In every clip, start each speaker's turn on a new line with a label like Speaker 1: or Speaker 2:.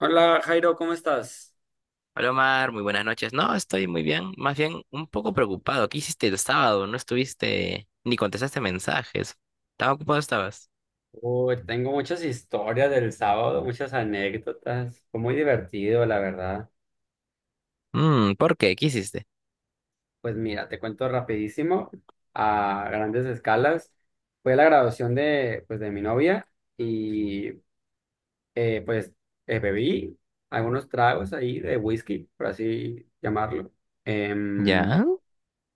Speaker 1: Hola Jairo, ¿cómo estás?
Speaker 2: Hola Omar, muy buenas noches. No, estoy muy bien, más bien un poco preocupado. ¿Qué hiciste el sábado? No estuviste ni contestaste mensajes. ¿Tan ocupado estabas?
Speaker 1: Uy, tengo muchas historias del sábado, muchas anécdotas. Fue muy divertido, la verdad.
Speaker 2: ¿Por qué? ¿Qué hiciste?
Speaker 1: Pues mira, te cuento rapidísimo, a grandes escalas. Fue la graduación de, pues, de mi novia y eh, pues bebí algunos tragos ahí de whisky, por así llamarlo. Em,
Speaker 2: ¿Ya?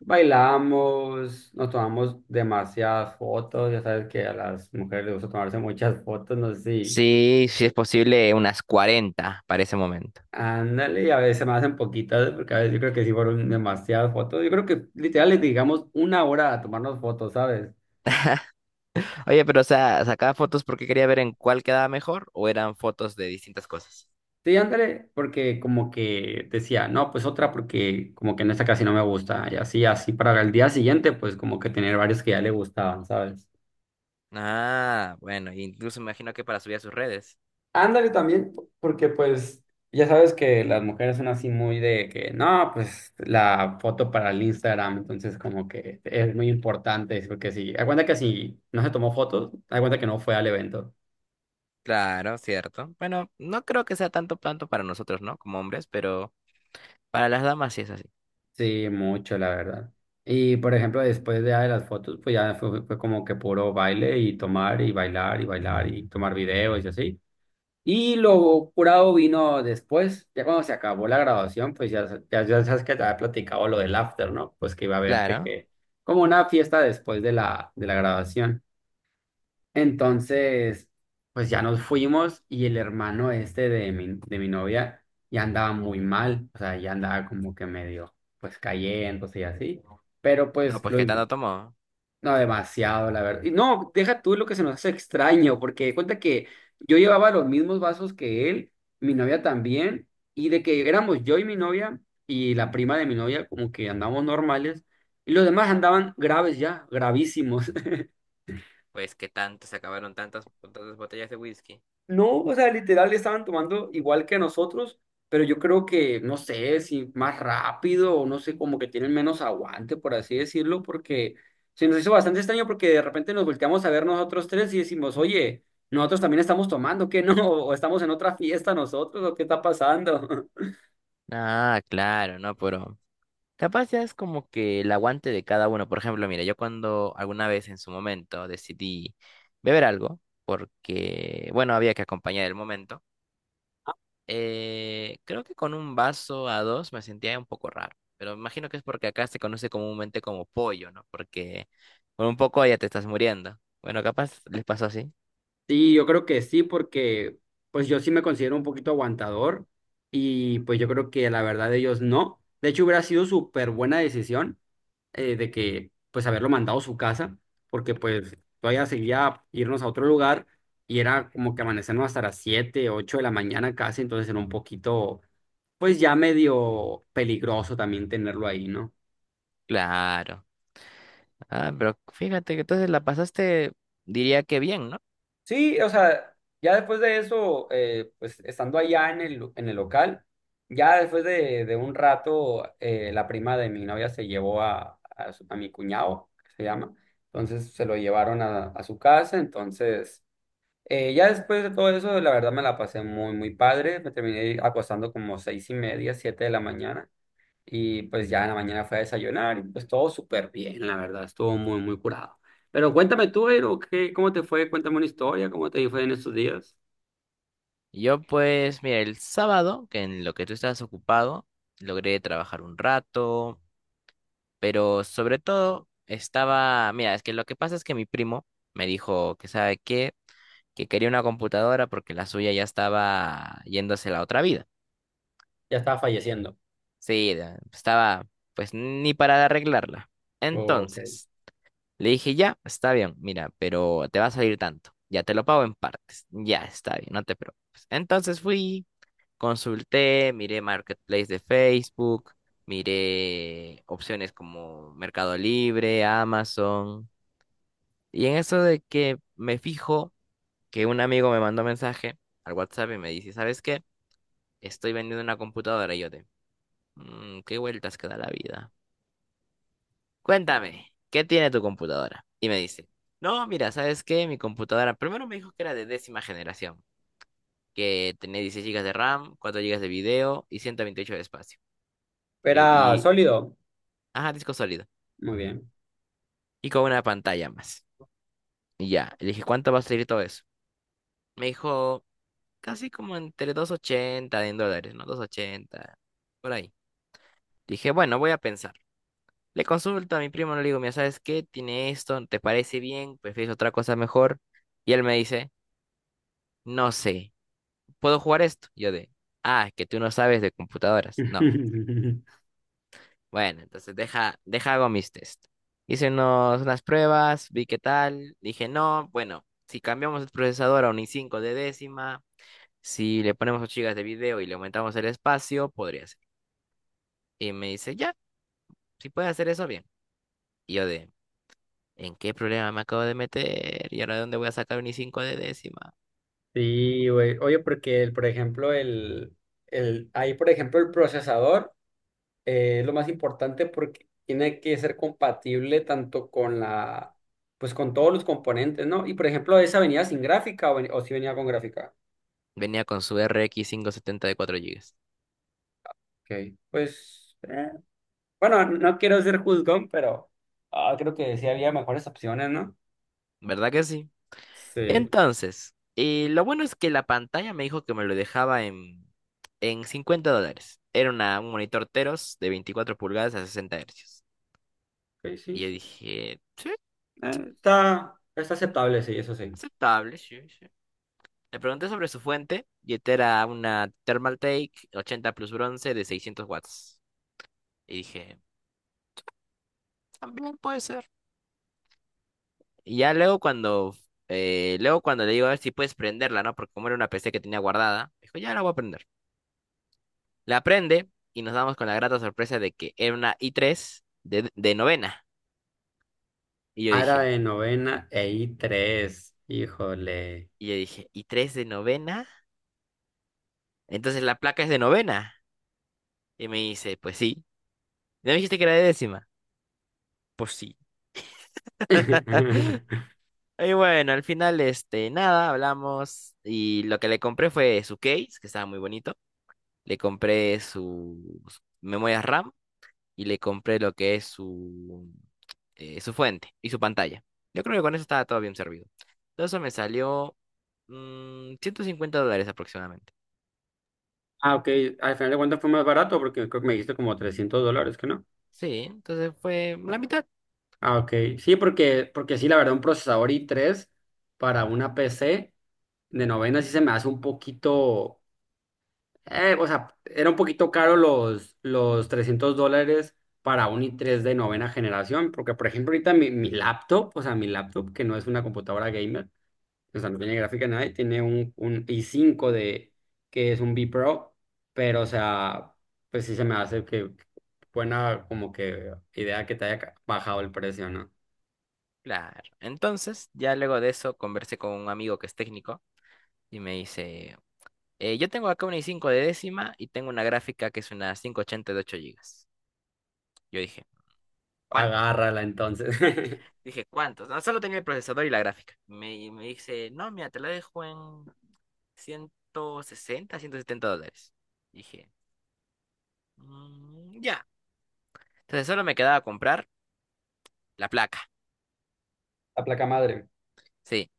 Speaker 1: bailamos, nos tomamos demasiadas fotos. Ya sabes que a las mujeres les gusta tomarse muchas fotos, no sé si.
Speaker 2: Sí, sí es posible unas 40 para ese momento.
Speaker 1: Ándale, y a veces me hacen poquitas, porque a veces yo creo que sí fueron demasiadas fotos. Yo creo que literal les digamos una hora a tomarnos fotos, ¿sabes?
Speaker 2: Oye, pero o sea, ¿sacaba fotos porque quería ver en cuál quedaba mejor o eran fotos de distintas cosas?
Speaker 1: Sí, ándale, porque como que decía, no, pues otra porque como que en esta casi no me gusta. Y así, así para el día siguiente, pues como que tener varios que ya le gustaban, ¿sabes?
Speaker 2: Ah, bueno, incluso me imagino que para subir a sus redes.
Speaker 1: Ándale también, porque pues ya sabes que las mujeres son así muy de que no, pues la foto para el Instagram, entonces como que es muy importante, porque si, da cuenta que si no se tomó fotos, da cuenta que no fue al evento.
Speaker 2: Claro, cierto. Bueno, no creo que sea tanto tanto para nosotros, ¿no? Como hombres, pero para las damas sí es así.
Speaker 1: Sí, mucho, la verdad. Y por ejemplo, después ya de las fotos, pues ya fue como que puro baile y tomar y bailar y bailar y tomar videos y así. Y lo curado vino después, ya cuando se acabó la graduación, pues ya, ya sabes que te había platicado lo del after, ¿no? Pues que iba a verte
Speaker 2: Claro.
Speaker 1: que como una fiesta después de de la graduación. Entonces, pues ya nos fuimos y el hermano este de mi novia ya andaba muy mal, o sea, ya andaba como que medio, pues cayendo y así, pero
Speaker 2: No,
Speaker 1: pues
Speaker 2: pues
Speaker 1: lo,
Speaker 2: ¿qué tanto tomó?
Speaker 1: no, demasiado, la verdad. Y no, deja tú lo que se nos hace extraño, porque de cuenta que yo llevaba los mismos vasos que él, mi novia también, y de que éramos yo y mi novia y la prima de mi novia, como que andábamos normales, y los demás andaban graves ya, gravísimos.
Speaker 2: Pues que tanto se acabaron tantas botellas de whisky.
Speaker 1: No, o sea, literal estaban tomando igual que nosotros, pero yo creo que, no sé, si más rápido o no sé, como que tienen menos aguante, por así decirlo, porque se nos hizo bastante extraño porque de repente nos volteamos a ver nosotros tres y decimos, oye, nosotros también estamos tomando, ¿qué no? ¿O estamos en otra fiesta nosotros? ¿O qué está pasando?
Speaker 2: Ah, claro, no, pero capaz ya es como que el aguante de cada uno. Por ejemplo, mira, yo cuando alguna vez en su momento decidí beber algo, porque, bueno, había que acompañar el momento. Creo que con un vaso a dos me sentía un poco raro, pero imagino que es porque acá se conoce comúnmente como pollo, ¿no? Porque con un poco ya te estás muriendo. Bueno, capaz les pasó así.
Speaker 1: Sí, yo creo que sí, porque pues yo sí me considero un poquito aguantador y pues yo creo que la verdad ellos no. De hecho, hubiera sido súper buena decisión de que pues haberlo mandado a su casa, porque pues todavía seguía irnos a otro lugar y era como que amanecernos hasta las 7 8 de la mañana casi, entonces era un poquito pues ya medio peligroso también tenerlo ahí, ¿no?
Speaker 2: Claro. Ah, pero fíjate que entonces la pasaste, diría que bien, ¿no?
Speaker 1: Sí, o sea, ya después de eso, pues estando allá en en el local, ya después de un rato, la prima de mi novia se llevó a mi cuñado, que se llama, entonces se lo llevaron a su casa, entonces. Ya después de todo eso, la verdad me la pasé muy, muy padre. Me terminé acostando como seis y media, siete de la mañana. Y pues ya en la mañana fue a desayunar y pues todo súper bien, la verdad. Estuvo muy, muy curado. Pero cuéntame tú, Eiro, ¿qué, cómo te fue? Cuéntame una historia, ¿cómo te fue en estos días?
Speaker 2: Yo pues, mira, el sábado, que en lo que tú estabas ocupado, logré trabajar un rato, pero sobre todo estaba, mira, es que lo que pasa es que mi primo me dijo que sabe qué, que quería una computadora porque la suya ya estaba yéndose a la otra vida.
Speaker 1: Ya estaba falleciendo.
Speaker 2: Sí, estaba pues ni para arreglarla.
Speaker 1: Ok.
Speaker 2: Entonces. Le dije, ya, está bien, mira, pero te va a salir tanto. Ya te lo pago en partes. Ya, está bien, no te preocupes. Entonces fui, consulté, miré Marketplace de Facebook, miré opciones como Mercado Libre, Amazon. Y en eso de que me fijo que un amigo me mandó mensaje al WhatsApp y me dice, ¿sabes qué? Estoy vendiendo una computadora. Y yo de, ¿qué vueltas que da la vida? Cuéntame, ¿qué tiene tu computadora?" Y me dice, no, mira, ¿sabes qué? Mi computadora, primero me dijo que era de décima generación, que tenía 16 gigas de RAM, 4 gigas de video y 128 de espacio. Y,
Speaker 1: Era
Speaker 2: y-
Speaker 1: sólido.
Speaker 2: ajá, disco sólido.
Speaker 1: Muy bien.
Speaker 2: Y con una pantalla más. Y ya, le dije, ¿cuánto va a salir todo eso? Me dijo, casi como entre 280 en dólares, ¿no? 280, por ahí. Dije, bueno, voy a pensar. Le consulto a mi primo, le digo, mira, ¿sabes qué? Tiene esto, ¿te parece bien? ¿Prefieres otra cosa mejor? Y él me dice, no sé. ¿Puedo jugar esto? Yo de, ah, que tú no sabes de computadoras. No. Bueno, entonces deja hago mis test. Unas pruebas, vi qué tal, dije, no, bueno, si cambiamos el procesador a un i5 de décima, si le ponemos 8 gigas de video y le aumentamos el espacio, podría ser. Y me dice, ya, si puedes hacer eso, bien. Y yo de, ¿en qué problema me acabo de meter? ¿Y ahora de dónde voy a sacar un i5 de décima?
Speaker 1: Sí, güey. Oye, porque, el- por ejemplo, el, ahí, por ejemplo, el procesador. Lo más importante porque tiene que ser compatible tanto con la, pues con todos los componentes, ¿no? Y por ejemplo, esa venía sin gráfica o, ven- o si venía con gráfica.
Speaker 2: Venía con su RX 570 de 4 gigas.
Speaker 1: Ok. Pues, bueno, no quiero ser juzgón, pero creo que sí había mejores opciones, ¿no?
Speaker 2: ¿Verdad que sí?
Speaker 1: Sí,
Speaker 2: Entonces, lo bueno es que la pantalla me dijo que me lo dejaba en $50. Era un monitor Teros de 24 pulgadas a 60 hercios.
Speaker 1: ok,
Speaker 2: Y
Speaker 1: sí,
Speaker 2: yo
Speaker 1: sí.
Speaker 2: dije, sí,
Speaker 1: Está, está aceptable, sí, eso sí.
Speaker 2: aceptable, sí, sí. Le pregunté sobre su fuente y esta era una Thermaltake 80 Plus bronce de 600 watts. Y dije, también puede ser. Y ya luego cuando le digo a ver si puedes prenderla, ¿no? Porque como era una PC que tenía guardada, dijo, ya la voy a prender. La prende y nos damos con la grata sorpresa de que era una I3 de novena. Y yo
Speaker 1: Árabe
Speaker 2: dije,
Speaker 1: novena e i tres híjole.
Speaker 2: y yo dije, ¿I3 de novena? Entonces la placa es de novena. Y me dice, pues sí. ¿No me dijiste que era de décima? Pues sí. Y bueno, al final, este, nada, hablamos. Y lo que le compré fue su case, que estaba muy bonito. Le compré sus memorias RAM y le compré lo que es su, su fuente y su pantalla. Yo creo que con eso estaba todo bien servido. Todo eso me salió $150 aproximadamente.
Speaker 1: Ah, ok, al final de cuentas fue más barato porque creo que me dijiste como 300 dólares, ¿que no?
Speaker 2: Sí, entonces fue la mitad.
Speaker 1: Ah, ok. Sí, porque, porque sí, la verdad, un procesador i tres para una PC de novena sí se me hace un poquito, o sea, era un poquito caro los 300 dólares para un i tres de novena generación, porque por ejemplo ahorita mi laptop, o sea, mi laptop que no es una computadora gamer, o sea, no tiene gráfica ni nada, y tiene un i cinco de, que es un B Pro, pero o sea, pues sí se me hace que buena como que idea que te haya bajado el precio, ¿no?
Speaker 2: Claro. Entonces, ya luego de eso conversé con un amigo que es técnico y me dice, yo tengo acá una i5 de décima y tengo una gráfica que es una 580 de 8 gigas." Yo dije, ¿cuánto?
Speaker 1: Agárrala entonces.
Speaker 2: Dije, ¿cuántos? No, solo tenía el procesador y la gráfica. Y me dice, no, mira, te la dejo en 160, $170. Dije, "Mm, ya." Entonces solo me quedaba comprar la placa.
Speaker 1: La placa madre.
Speaker 2: Sí.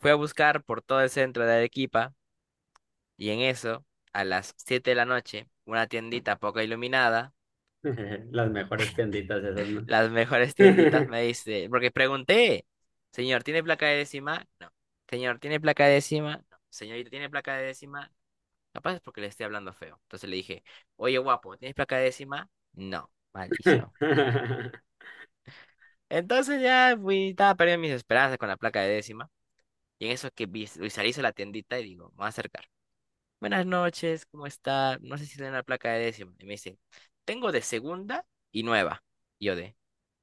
Speaker 2: Fui a buscar por todo el centro de Arequipa y en eso, a las 7 de la noche, una tiendita poco iluminada,
Speaker 1: Las mejores tienditas esas, ¿no?
Speaker 2: las mejores tienditas me dice, porque pregunté, señor, ¿tiene placa de décima? No. Señor, ¿tiene placa de décima? No. Señorita, ¿tiene placa de décima? Capaz es porque le estoy hablando feo. Entonces le dije, oye, guapo, ¿tienes placa de décima? No, maldición. Entonces ya fui, estaba perdiendo mis esperanzas con la placa de décima. Y en eso que visualizo la tiendita y digo, me voy a acercar. Buenas noches, ¿cómo está? No sé si tiene la placa de décima. Y me dice, tengo de segunda y nueva. Y yo de,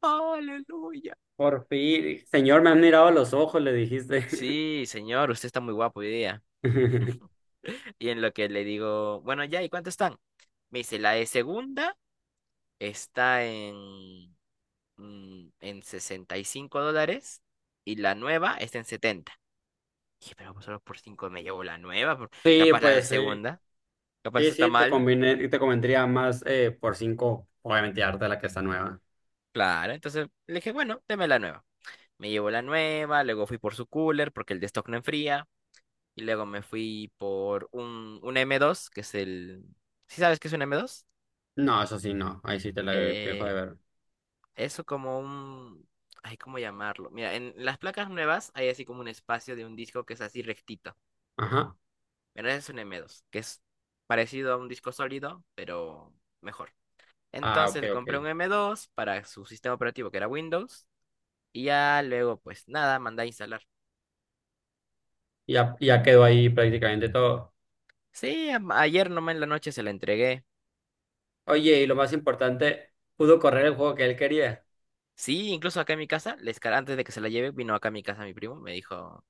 Speaker 2: aleluya.
Speaker 1: Por fin, señor, me han mirado a los ojos, le dijiste.
Speaker 2: Sí, señor, usted está muy guapo hoy día. Y en lo que le digo, bueno, ya, ¿y cuánto están? Me dice, la de segunda está en, en $65, y la nueva está en 70. Dije, pero pues solo por 5 me llevo la nueva, por-
Speaker 1: Sí,
Speaker 2: capaz la de
Speaker 1: pues sí.
Speaker 2: segunda, capaz
Speaker 1: Sí,
Speaker 2: está
Speaker 1: sí, te
Speaker 2: mal.
Speaker 1: conviene, te convendría más por cinco, obviamente, darte la que está nueva.
Speaker 2: Claro, entonces le dije, bueno, deme la nueva. Me llevo la nueva, luego fui por su cooler porque el de stock no enfría. Y luego me fui por un m dos que es el. ¿Sí sabes qué es un m dos?
Speaker 1: No, eso sí, no. Ahí sí te la te dejo
Speaker 2: Eh,
Speaker 1: de ver.
Speaker 2: eso como un. Ay, ¿cómo llamarlo? Mira, en las placas nuevas hay así como un espacio de un disco que es así rectito.
Speaker 1: Ajá.
Speaker 2: Pero ese es un m dos que es parecido a un disco sólido, pero mejor.
Speaker 1: Ah,
Speaker 2: Entonces
Speaker 1: ok,
Speaker 2: le
Speaker 1: ok.
Speaker 2: compré un m dos para su sistema operativo, que era Windows, y ya luego, pues nada, mandé a instalar.
Speaker 1: Ya, ya quedó ahí prácticamente todo.
Speaker 2: Sí, ayer nomás en la noche se la entregué.
Speaker 1: Oye, y lo más importante, pudo correr el juego que él quería.
Speaker 2: Sí, incluso acá en mi casa, antes de que se la lleve, vino acá a mi casa mi primo, me dijo,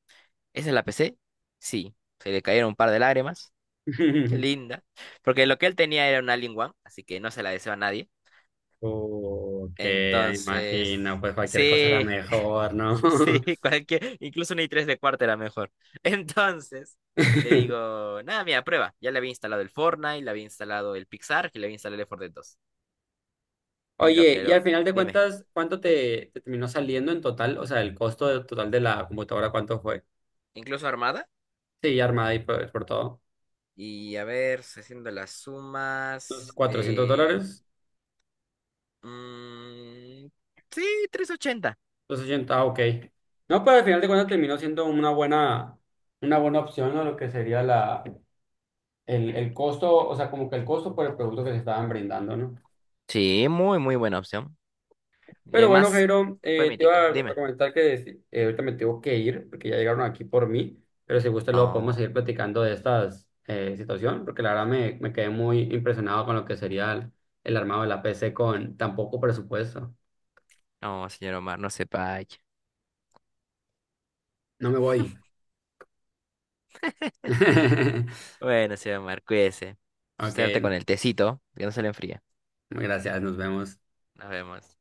Speaker 2: ¿esa es la PC? Sí, se le cayeron un par de lágrimas. Qué linda. Porque lo que él tenía era un Alien One, así que no se la deseo a nadie.
Speaker 1: Que imagino,
Speaker 2: Entonces,
Speaker 1: pues cualquier cosa era
Speaker 2: sí.
Speaker 1: mejor, ¿no?
Speaker 2: Sí, cualquier, incluso una i3 de cuarta era mejor. Entonces, le digo, nada, mira, prueba. Ya le había instalado el Fortnite, le había instalado el Pixar y le había instalado el Fortnite 2. Y lo
Speaker 1: Oye,
Speaker 2: que
Speaker 1: y
Speaker 2: lo,
Speaker 1: al final de
Speaker 2: dime,
Speaker 1: cuentas, ¿cuánto te, te terminó saliendo en total? O sea, el costo de- total de la computadora, ¿cuánto fue?
Speaker 2: incluso armada.
Speaker 1: Sí, armada y por todo.
Speaker 2: Y a ver, haciendo las
Speaker 1: ¿Los
Speaker 2: sumas.
Speaker 1: 400 dólares?
Speaker 2: Mm, sí, 380.
Speaker 1: Los ochenta. Ah, ok. No, pero al final de cuentas terminó siendo una buena opción, ¿no? Lo que sería la, el costo, o sea, como que el costo por el producto que se estaban brindando, ¿no?
Speaker 2: Sí, muy, muy buena opción. Y
Speaker 1: Pero bueno,
Speaker 2: más,
Speaker 1: Jairo,
Speaker 2: fue
Speaker 1: te iba
Speaker 2: mítico.
Speaker 1: a
Speaker 2: Dime.
Speaker 1: comentar que si- ahorita me tengo que ir porque ya llegaron aquí por mí, pero si gusta luego podemos
Speaker 2: No,
Speaker 1: seguir platicando de estas situación, porque la verdad me, me quedé muy impresionado con lo que sería el armado de la PC con tan poco presupuesto.
Speaker 2: no, señor Omar, no se vaya.
Speaker 1: No me voy.
Speaker 2: Bueno, señor Omar, cuídese.
Speaker 1: Ok,
Speaker 2: Suerte con el tecito, que no se le enfríe.
Speaker 1: gracias, nos vemos.
Speaker 2: Nos vemos.